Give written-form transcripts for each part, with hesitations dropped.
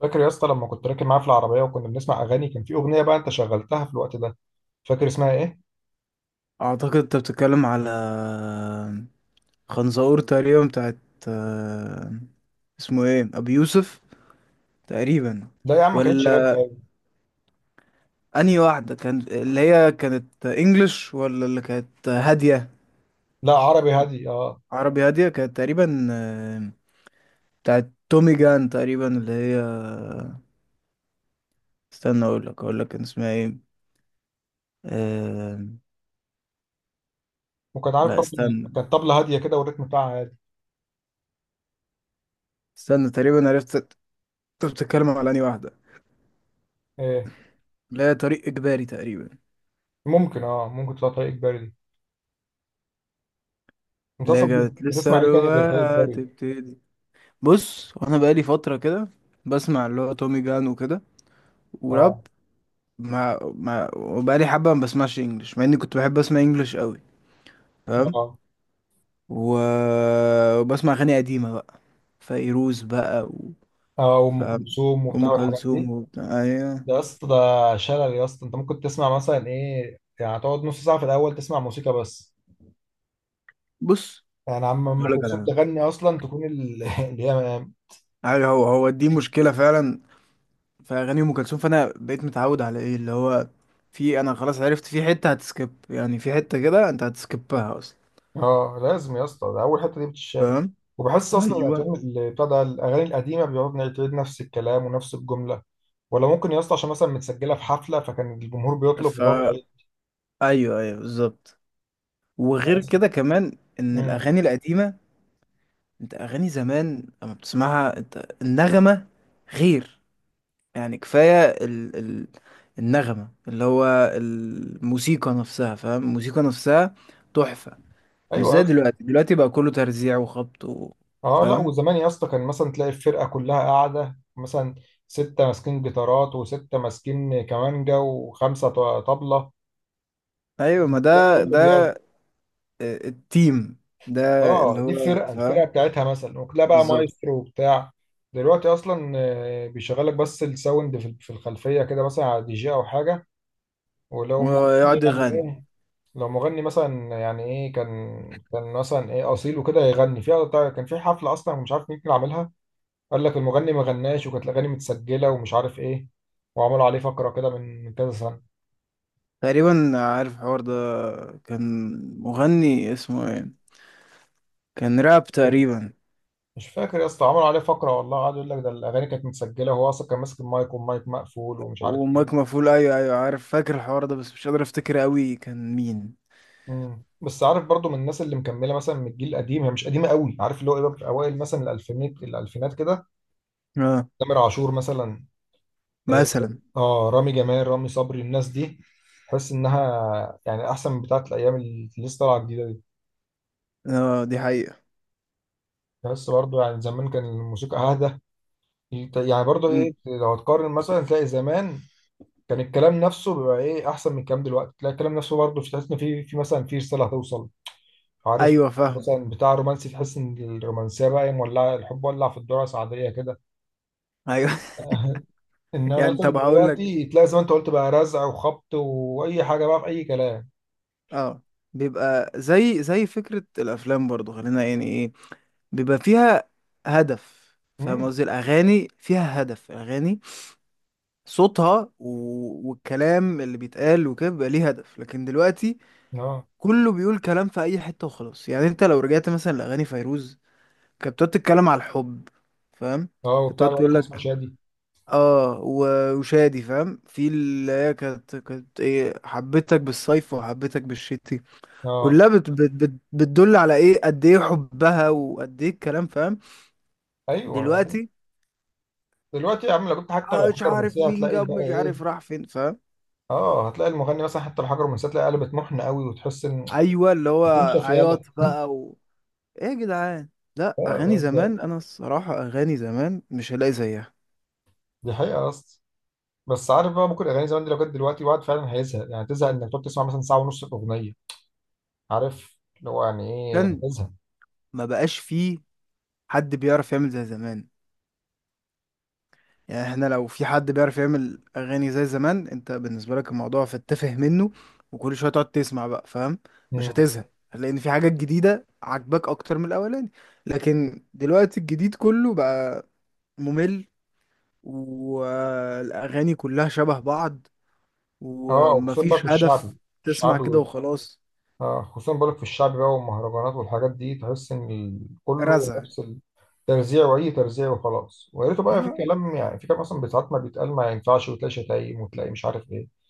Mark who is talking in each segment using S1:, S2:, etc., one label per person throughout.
S1: فاكر يا اسطى لما كنت راكب معاه في العربيه وكنا بنسمع اغاني، كان في اغنيه بقى انت شغلتها في الوقت ده. فاكر اسمها ايه؟
S2: اعتقد انت بتتكلم على خنزقور تقريبا، بتاعت آه، اسمه ايه، ابو يوسف تقريبا.
S1: لا يا عم، ما كانتش راب
S2: ولا
S1: باين.
S2: انهي واحده كان؟ اللي هي كانت انجلش ولا اللي كانت هاديه؟
S1: لا، عربي هادي، اه.
S2: عربي، هاديه كانت تقريبا، بتاعت تومي جان تقريبا، اللي هي استنى، اقول لك كان اسمها ايه. آه،
S1: وكان عارف
S2: لا
S1: برضه
S2: استنى
S1: كانت طبله هاديه كده، والريتم بتاعها هادي.
S2: استنى تقريبا عرفت انت بتتكلم على انهي واحده.
S1: ايه؟
S2: اللي هي طريق اجباري تقريبا.
S1: ممكن، ممكن تطلع طريق اجباري دي. انت اصلا
S2: لجأت
S1: بتسمع ايه تاني غير طريق
S2: للثروة
S1: اجباري؟
S2: تبتدي. بص وانا بقالي فترة كده بسمع اللي هو تومي جان وكده، وراب.
S1: اه،
S2: مع وبقالي حبة ما بسمعش انجلش، مع اني كنت بحب اسمع انجلش قوي، فاهم.
S1: اه،
S2: و... وبسمع اغاني قديمة بقى، فيروز بقى
S1: اه، وام
S2: فاهم.
S1: كلثوم
S2: ام
S1: وبتاع والحاجات
S2: كلثوم
S1: دي.
S2: وبتاع، ايوه.
S1: ده يا اسطى، ده شلل يا اسطى. انت ممكن تسمع مثلا ايه؟ يعني تقعد نص ساعه في الاول تسمع موسيقى بس،
S2: بص
S1: يعني عم ام
S2: اقول لك
S1: كلثوم
S2: على
S1: تغني اصلا تكون اللي هي.
S2: حاجة، أيوة، هو هو دي مشكلة فعلا في اغاني ام كلثوم، فانا بقيت متعود على ايه اللي هو، في، انا خلاص عرفت في حتة هتسكيب، يعني في حتة كده انت هتسكيبها اصلا،
S1: اه، لازم يا اسطى، ده اول حته دي بتتشال.
S2: فاهم.
S1: وبحس اصلا
S2: ايوه.
S1: الافلام اللي بتاع ده، الاغاني القديمه بيقعد نعيد نفس الكلام ونفس الجمله. ولا ممكن يا اسطى عشان مثلا متسجله في حفله، فكان الجمهور بيطلب
S2: ف
S1: بتقعد تعيد.
S2: ايوه ايوه بالظبط.
S1: يعني
S2: وغير
S1: مثلاً-
S2: كده كمان ان
S1: مم.
S2: الاغاني القديمه، انت اغاني زمان لما بتسمعها، انت النغمه غير. يعني كفايه النغمه، اللي هو الموسيقى نفسها، فاهم، الموسيقى نفسها تحفه. مش
S1: ايوه يا
S2: زي
S1: اسطى.
S2: دلوقتي بقى كله ترزيع وخبط
S1: اه، لا،
S2: فاهم.
S1: وزمان يا اسطى كان مثلا تلاقي الفرقه كلها قاعده، مثلا سته ماسكين جيتارات، وسته ماسكين كمانجا، وخمسه ط- طبله.
S2: ايوه ما
S1: لا،
S2: ده
S1: كله
S2: ده
S1: بيعزف.
S2: التيم ده، اللي
S1: اه، دي
S2: هو
S1: الفرقه، الفرقه
S2: فاهم،
S1: بتاعتها مثلا، وكلها بقى
S2: بالظبط.
S1: مايسترو وبتاع. دلوقتي اصلا بيشغلك بس الساوند في الخلفيه كده، مثلا على دي جي او حاجه. ولو مغني،
S2: ويقعد
S1: يعني
S2: يغني.
S1: ايه؟ لو مغني مثلا، يعني ايه؟ كان مثلا ايه اصيل وكده يغني كان في حفله اصلا، مش عارف مين اللي عاملها. قال لك المغني ما غناش، وكانت الاغاني متسجله، ومش عارف ايه. وعملوا عليه فقره كده من كذا سنه،
S2: تقريبا عارف الحوار ده. كان مغني اسمه ايه، كان راب
S1: كده.
S2: تقريبا.
S1: مش فاكر يا اسطى. عملوا عليه فقره والله، قعدوا يقول لك ده الاغاني كانت متسجله، وهو اصلا كان ماسك المايك، والمايك مقفول، ومش عارف
S2: وماك
S1: ايه.
S2: مفعول، ايوه ايوه عارف، فاكر الحوار ده بس مش قادر افتكر قوي كان مين.
S1: مم. بس عارف برضو، من الناس اللي مكمله مثلا من الجيل القديم، هي مش قديمه قوي، عارف اللي هو ايه، بقى في اوائل مثلا الالفينات الالفينات كده،
S2: اه
S1: تامر عاشور مثلا. إيه،
S2: مثلا،
S1: اه، رامي جمال، رامي صبري، الناس دي تحس انها يعني احسن من بتاعه الايام اللي لسه طالعه الجديده دي.
S2: اه دي حقيقة.
S1: تحس برضو يعني زمان كان الموسيقى اهدى، يعني برضو
S2: مم.
S1: ايه. لو تقارن مثلا، تلاقي زمان كان الكلام نفسه بيبقى ايه احسن من الكلام دلوقتي. تلاقي الكلام نفسه برضو، مش تحس ان في مثلا في رساله هتوصل؟ عارف،
S2: ايوه فاهم.
S1: مثلا بتاع رومانسي، تحس ان الرومانسيه بقى مولعه، الحب ولع في الدرس عاديه كده.
S2: ايوه
S1: انما
S2: يعني طب
S1: مثلا
S2: هقول لك.
S1: دلوقتي تلاقي زي ما انت قلت بقى، رزع وخبط واي حاجه، بقى في اي كلام.
S2: اه، بيبقى زي فكرة الافلام برضو، خلينا يعني ايه، بيبقى فيها هدف، فاهم
S1: امم
S2: قصدي الاغاني فيها هدف، الاغاني صوتها والكلام اللي بيتقال وكده بيبقى ليه هدف. لكن دلوقتي
S1: اه.
S2: كله بيقول كلام في اي حته وخلاص. يعني انت لو رجعت مثلا لاغاني فيروز، كانت بتقعد تتكلم على الحب، فاهم.
S1: اه،
S2: كانت
S1: وبتاع
S2: بتقعد
S1: اللي
S2: تقول
S1: لك اسمه
S2: لك
S1: شادي.
S2: اه، وشادي فاهم، في اللي هي كانت ايه، حبيتك بالصيف وحبيتك بالشتي.
S1: اه،
S2: كلها بت بت بت بتدل على ايه قد ايه حبها وقد ايه الكلام، فاهم.
S1: ايوه.
S2: دلوقتي،
S1: دلوقتي يا عم، لو كنت حتى لو حاجه
S2: مش عارف
S1: رومانسيه،
S2: مين
S1: هتلاقي
S2: جاب،
S1: بقى
S2: مش
S1: ايه.
S2: عارف راح فين، فاهم.
S1: اه، هتلاقي المغني مثلا حتى لو حاجه رومانسيه، تلاقي قلبت محن قوي، وتحس ان
S2: ايوه اللي هو
S1: تنشف يالا.
S2: عياط بقى ايه يا جدعان. لا اغاني زمان، انا الصراحه اغاني زمان مش هلاقي زيها.
S1: دي حقيقه اصلا. بس عارف بقى، ممكن الاغاني زمان دي لو جت دلوقتي، الواحد فعلا هيزهق. يعني تزهق انك تقعد تسمع مثلا ساعه ونص اغنيه، عارف اللي هو يعني ايه؟
S2: عشان
S1: هزها.
S2: ما بقاش فيه حد بيعرف يعمل زي زمان. يعني احنا لو في حد بيعرف يعمل اغاني زي زمان، انت بالنسبه لك الموضوع فتفه منه، وكل شويه تقعد تسمع بقى، فاهم. مش
S1: مم.
S2: هتزهق لان في حاجات جديده عاجباك اكتر من الاولاني. لكن دلوقتي الجديد كله بقى ممل، والاغاني كلها شبه بعض،
S1: اه، وخصوصا بقى في
S2: ومفيش
S1: الشعبي.
S2: هدف، تسمع
S1: الشعبي
S2: كده
S1: وال...
S2: وخلاص.
S1: اه، خصوصا بقولك في الشعبي بقى والمهرجانات والحاجات دي، تحس ان كله
S2: رزع.
S1: نفس الترزيع، واي ترزيع وخلاص. ويا ريته بقى في كلام، يعني في كلام اصلا ساعات ما بيتقال ما ينفعش، وتلاقي شتايم، وتلاقي مش عارف ايه.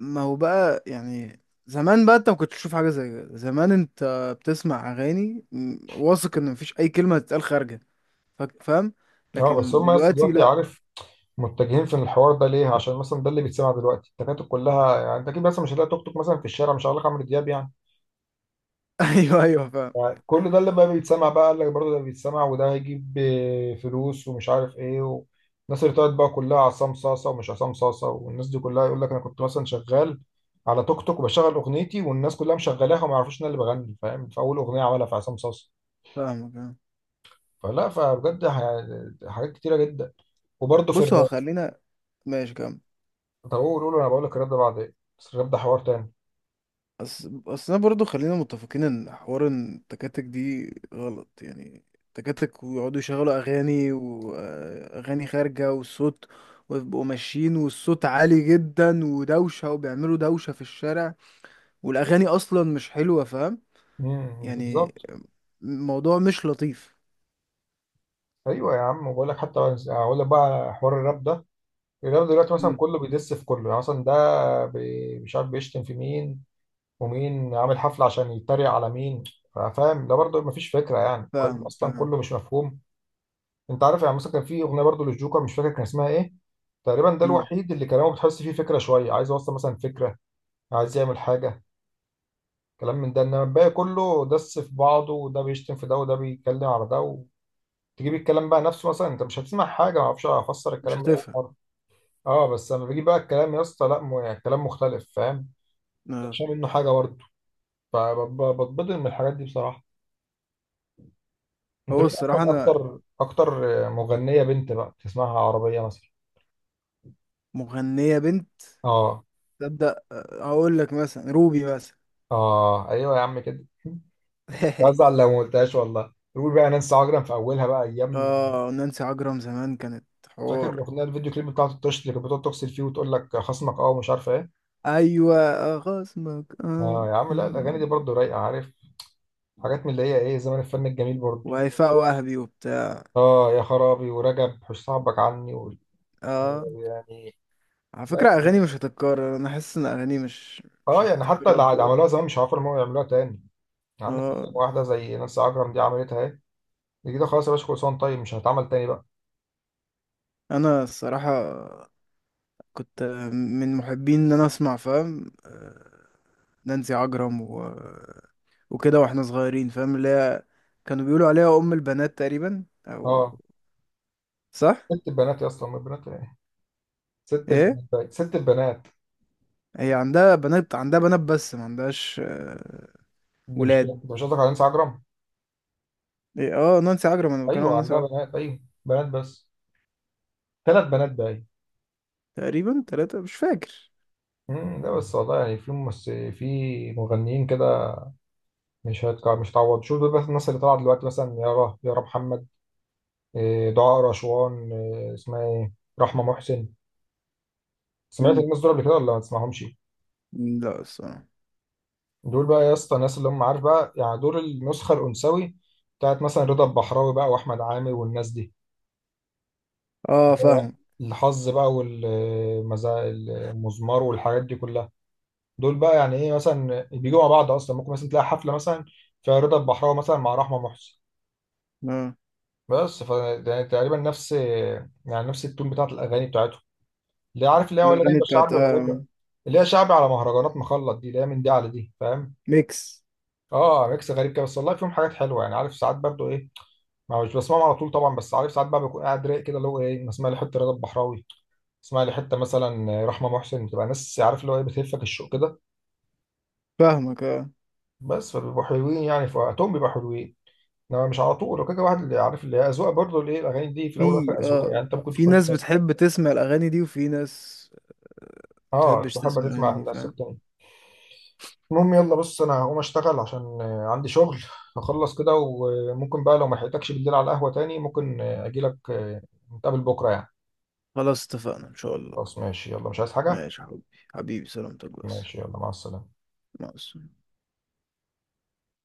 S2: ما هو بقى يعني زمان بقى، انت ما كنتش تشوف حاجه زي كده. زمان انت بتسمع اغاني، واثق ان مفيش اي كلمه تتقال خارجه، فاهم.
S1: اه، بس
S2: لكن
S1: هم اصلا
S2: دلوقتي
S1: دلوقتي
S2: لا.
S1: عارف متجهين في الحوار ده ليه؟ عشان مثلا ده اللي بيتسمع دلوقتي التكاتك كلها. يعني انت اكيد مثلا مش هتلاقي توك توك مثلا في الشارع مش هقول لك عمرو دياب يعني.
S2: ايوه ايوه فاهم.
S1: كل ده لما بيتسمع بقى، قال لك برضه ده بيتسمع، وده هيجيب فلوس، ومش عارف ايه. الناس اللي طلعت بقى كلها عصام صاصه ومش عصام صاصه، والناس دي كلها يقول لك انا كنت مثلا شغال على توك توك وبشغل اغنيتي، والناس كلها مشغلاها، وما يعرفوش ان انا اللي بغني، فاهم؟ فاول اغنيه عملها في عصام صاصه.
S2: فاهمك فاهم.
S1: فلا، فبجد حاجات كتيره جدا. وبرضه في
S2: بص هو
S1: الراب.
S2: خلينا ماشي كام.
S1: طب قول، قول. انا بقول لك الراب ده بعد ايه، بس الراب ده حوار تاني.
S2: بس انا برضو خلينا متفقين ان حوار إن التكاتك دي غلط، يعني التكاتك ويقعدوا يشغلوا اغاني واغاني خارجه، والصوت، ويبقوا ماشيين والصوت عالي جدا ودوشه، وبيعملوا دوشه في الشارع، والاغاني اصلا مش حلوه، فاهم. يعني
S1: بالظبط.
S2: الموضوع مش لطيف.
S1: ايوه يا عم، وبقول لك حتى، اقول لك بقى حوار الراب ده. الرياضة دلوقتي مثلا
S2: مم.
S1: كله بيدس في كله. يعني مثلا ده مش عارف بيشتم في مين، ومين عامل حفلة عشان يتريق على مين، فاهم؟ ده برضه مفيش فكرة، يعني الكلام
S2: فاهمك
S1: أصلا
S2: آه.
S1: كله مش مفهوم. أنت عارف يعني مثلا كان في أغنية برضه للجوكر مش فاكر كان اسمها إيه، تقريبا ده
S2: مم.
S1: الوحيد اللي كلامه بتحس فيه فكرة شوية، عايز يوصل مثلا فكرة، عايز يعمل حاجة، كلام من ده. إنما الباقي كله دس في بعضه، وده بيشتم في ده، وده بيتكلم على ده، وتجيب الكلام بقى نفسه مثلا، أنت مش هتسمع حاجة. معرفش أفسر
S2: مش
S1: الكلام من أول
S2: هتفهم.
S1: مرة. أه، بس لما بيجي بقى الكلام يا اسطى، لا يعني الكلام مختلف، فاهم؟
S2: آه.
S1: مش منه حاجة برضه. فبتبضل من الحاجات دي بصراحة. انت
S2: هو
S1: مين
S2: الصراحه
S1: اصلا
S2: انا،
S1: اكتر اكتر؟ مغنية بنت بقى تسمعها عربية مثلا؟
S2: مغنيه بنت،
S1: اه.
S2: تبدا اقول لك مثلا روبي مثلا.
S1: اه، ايوه يا عم كده. بزعل لو ما قلتهاش والله. يقول بقى نانسي عجرم في اولها بقى ايام.
S2: اه نانسي عجرم زمان كانت
S1: فاكر
S2: حوار.
S1: الاغنيه، الفيديو كليب بتاعت الطش، اللي كانت بتقعد تغسل فيه وتقول لك خصمك اه ومش عارفه ايه.
S2: ايوه خصمك اه.
S1: اه يا عم، لا، الاغاني دي برضه رايقه عارف، حاجات من اللي هي ايه، زمان الفن الجميل برضه.
S2: وهيفاء وهبي وبتاع.
S1: اه يا خرابي، ورجب حش صاحبك عني.
S2: اه على
S1: يعني
S2: فكره اغاني مش هتتكرر، انا حاسس ان اغاني مش
S1: اه،
S2: مش
S1: يعني حتى اللي
S2: هتتكرر
S1: عملوها
S2: خالص.
S1: زمان مش عارفين ان هم يعملوها تاني. يعني عندك مثلا
S2: اه
S1: واحده زي نانسي عجرم دي، عملتها اهي، دي كده خلاص يا باشا، كل طيب مش هتعمل تاني بقى.
S2: انا الصراحه كنت من محبين ان انا اسمع، فاهم، نانسي عجرم وكده واحنا صغيرين، فاهم، اللي هي كانوا بيقولوا عليها ام البنات تقريبا، او
S1: اه،
S2: صح.
S1: ست البنات يا اسطى، أم البنات ايه؟ ست
S2: ايه،
S1: البنات بقى. ست البنات.
S2: هي عندها بنات، عندها بنات بس ما عندهاش
S1: ده مش كده،
S2: ولاد.
S1: انت مش قصدك على نانسي عجرم؟
S2: إيه؟ اه نانسي عجرم انا بتكلم عن
S1: ايوه
S2: نانسي
S1: عندها
S2: عجرم.
S1: بنات، ايوه بنات بس، ثلاث بنات بقى.
S2: تقريبا 3 مش فاكر.
S1: ده بس والله. يعني في مغنيين كده، مش هتعوض. شوف دول بس، الناس اللي طالعه دلوقتي مثلا، يارا، يارا محمد، دعاء رشوان، اسمها ايه، رحمه محسن. سمعت
S2: مم.
S1: الناس دول قبل كده ولا ما تسمعهمش؟
S2: لا الصراحة.
S1: دول بقى يا اسطى، الناس اللي هم عارف بقى، يعني دول النسخه الانثوي بتاعت مثلا رضا البحراوي بقى، واحمد عامر والناس دي.
S2: اه
S1: ده
S2: فاهم.
S1: الحظ بقى، والمزا، المزمار، والحاجات دي كلها. دول بقى يعني ايه، مثلا بيجوا مع بعض اصلا. ممكن مثلا تلاقي حفله مثلا فيها رضا البحراوي مثلا مع رحمه محسن.
S2: اه
S1: بس ف ده تقريبا نفس، يعني نفس التون بتاعت الاغاني بتاعتهم، اللي عارف اللي هي ولا
S2: الاغاني
S1: جايبه
S2: بتاعت
S1: شعبي ولا جايبه اللي هي شعبي على مهرجانات، مخلط دي اللي هي من دي على دي، فاهم؟
S2: ميكس.
S1: اه، ميكس غريب كده. بس والله فيهم حاجات حلوه، يعني عارف ساعات برضو ايه، ما مش بسمعهم على طول طبعا. بس عارف ساعات بقى بكون قاعد رايق كده، اللي هو ايه، اسمع لي حته رضا البحراوي، اسمع لي حته مثلا رحمه محسن. بتبقى ناس عارف اللي هو ايه، بتهفك الشوق كده.
S2: فاهمك اه.
S1: بس فبيبقوا حلوين يعني، في وقتهم بيبقوا حلوين، انما مش على طول وكده واحد. اللي عارف اللي هي اذواق برضه، اللي ايه الاغاني دي في الاول
S2: في
S1: والاخر اذواق، يعني انت ممكن
S2: في
S1: تكون
S2: ناس بتحب تسمع الاغاني دي، وفي ناس
S1: اه،
S2: تحبش تسمع
S1: تحب
S2: الأغاني
S1: تسمع
S2: دي،
S1: الناس
S2: فاهم.
S1: التانية. المهم يلا بص، انا هقوم اشتغل عشان عندي شغل. هخلص كده، وممكن بقى لو ما لحقتكش بالليل على القهوه تاني ممكن اجي لك، نتقابل بكره يعني.
S2: خلاص اتفقنا إن شاء الله.
S1: خلاص ماشي يلا، مش عايز حاجه؟
S2: ماشي يا حبيبي، حبيبي سلامتك بس.
S1: ماشي يلا، مع السلامه.
S2: مع السلامة.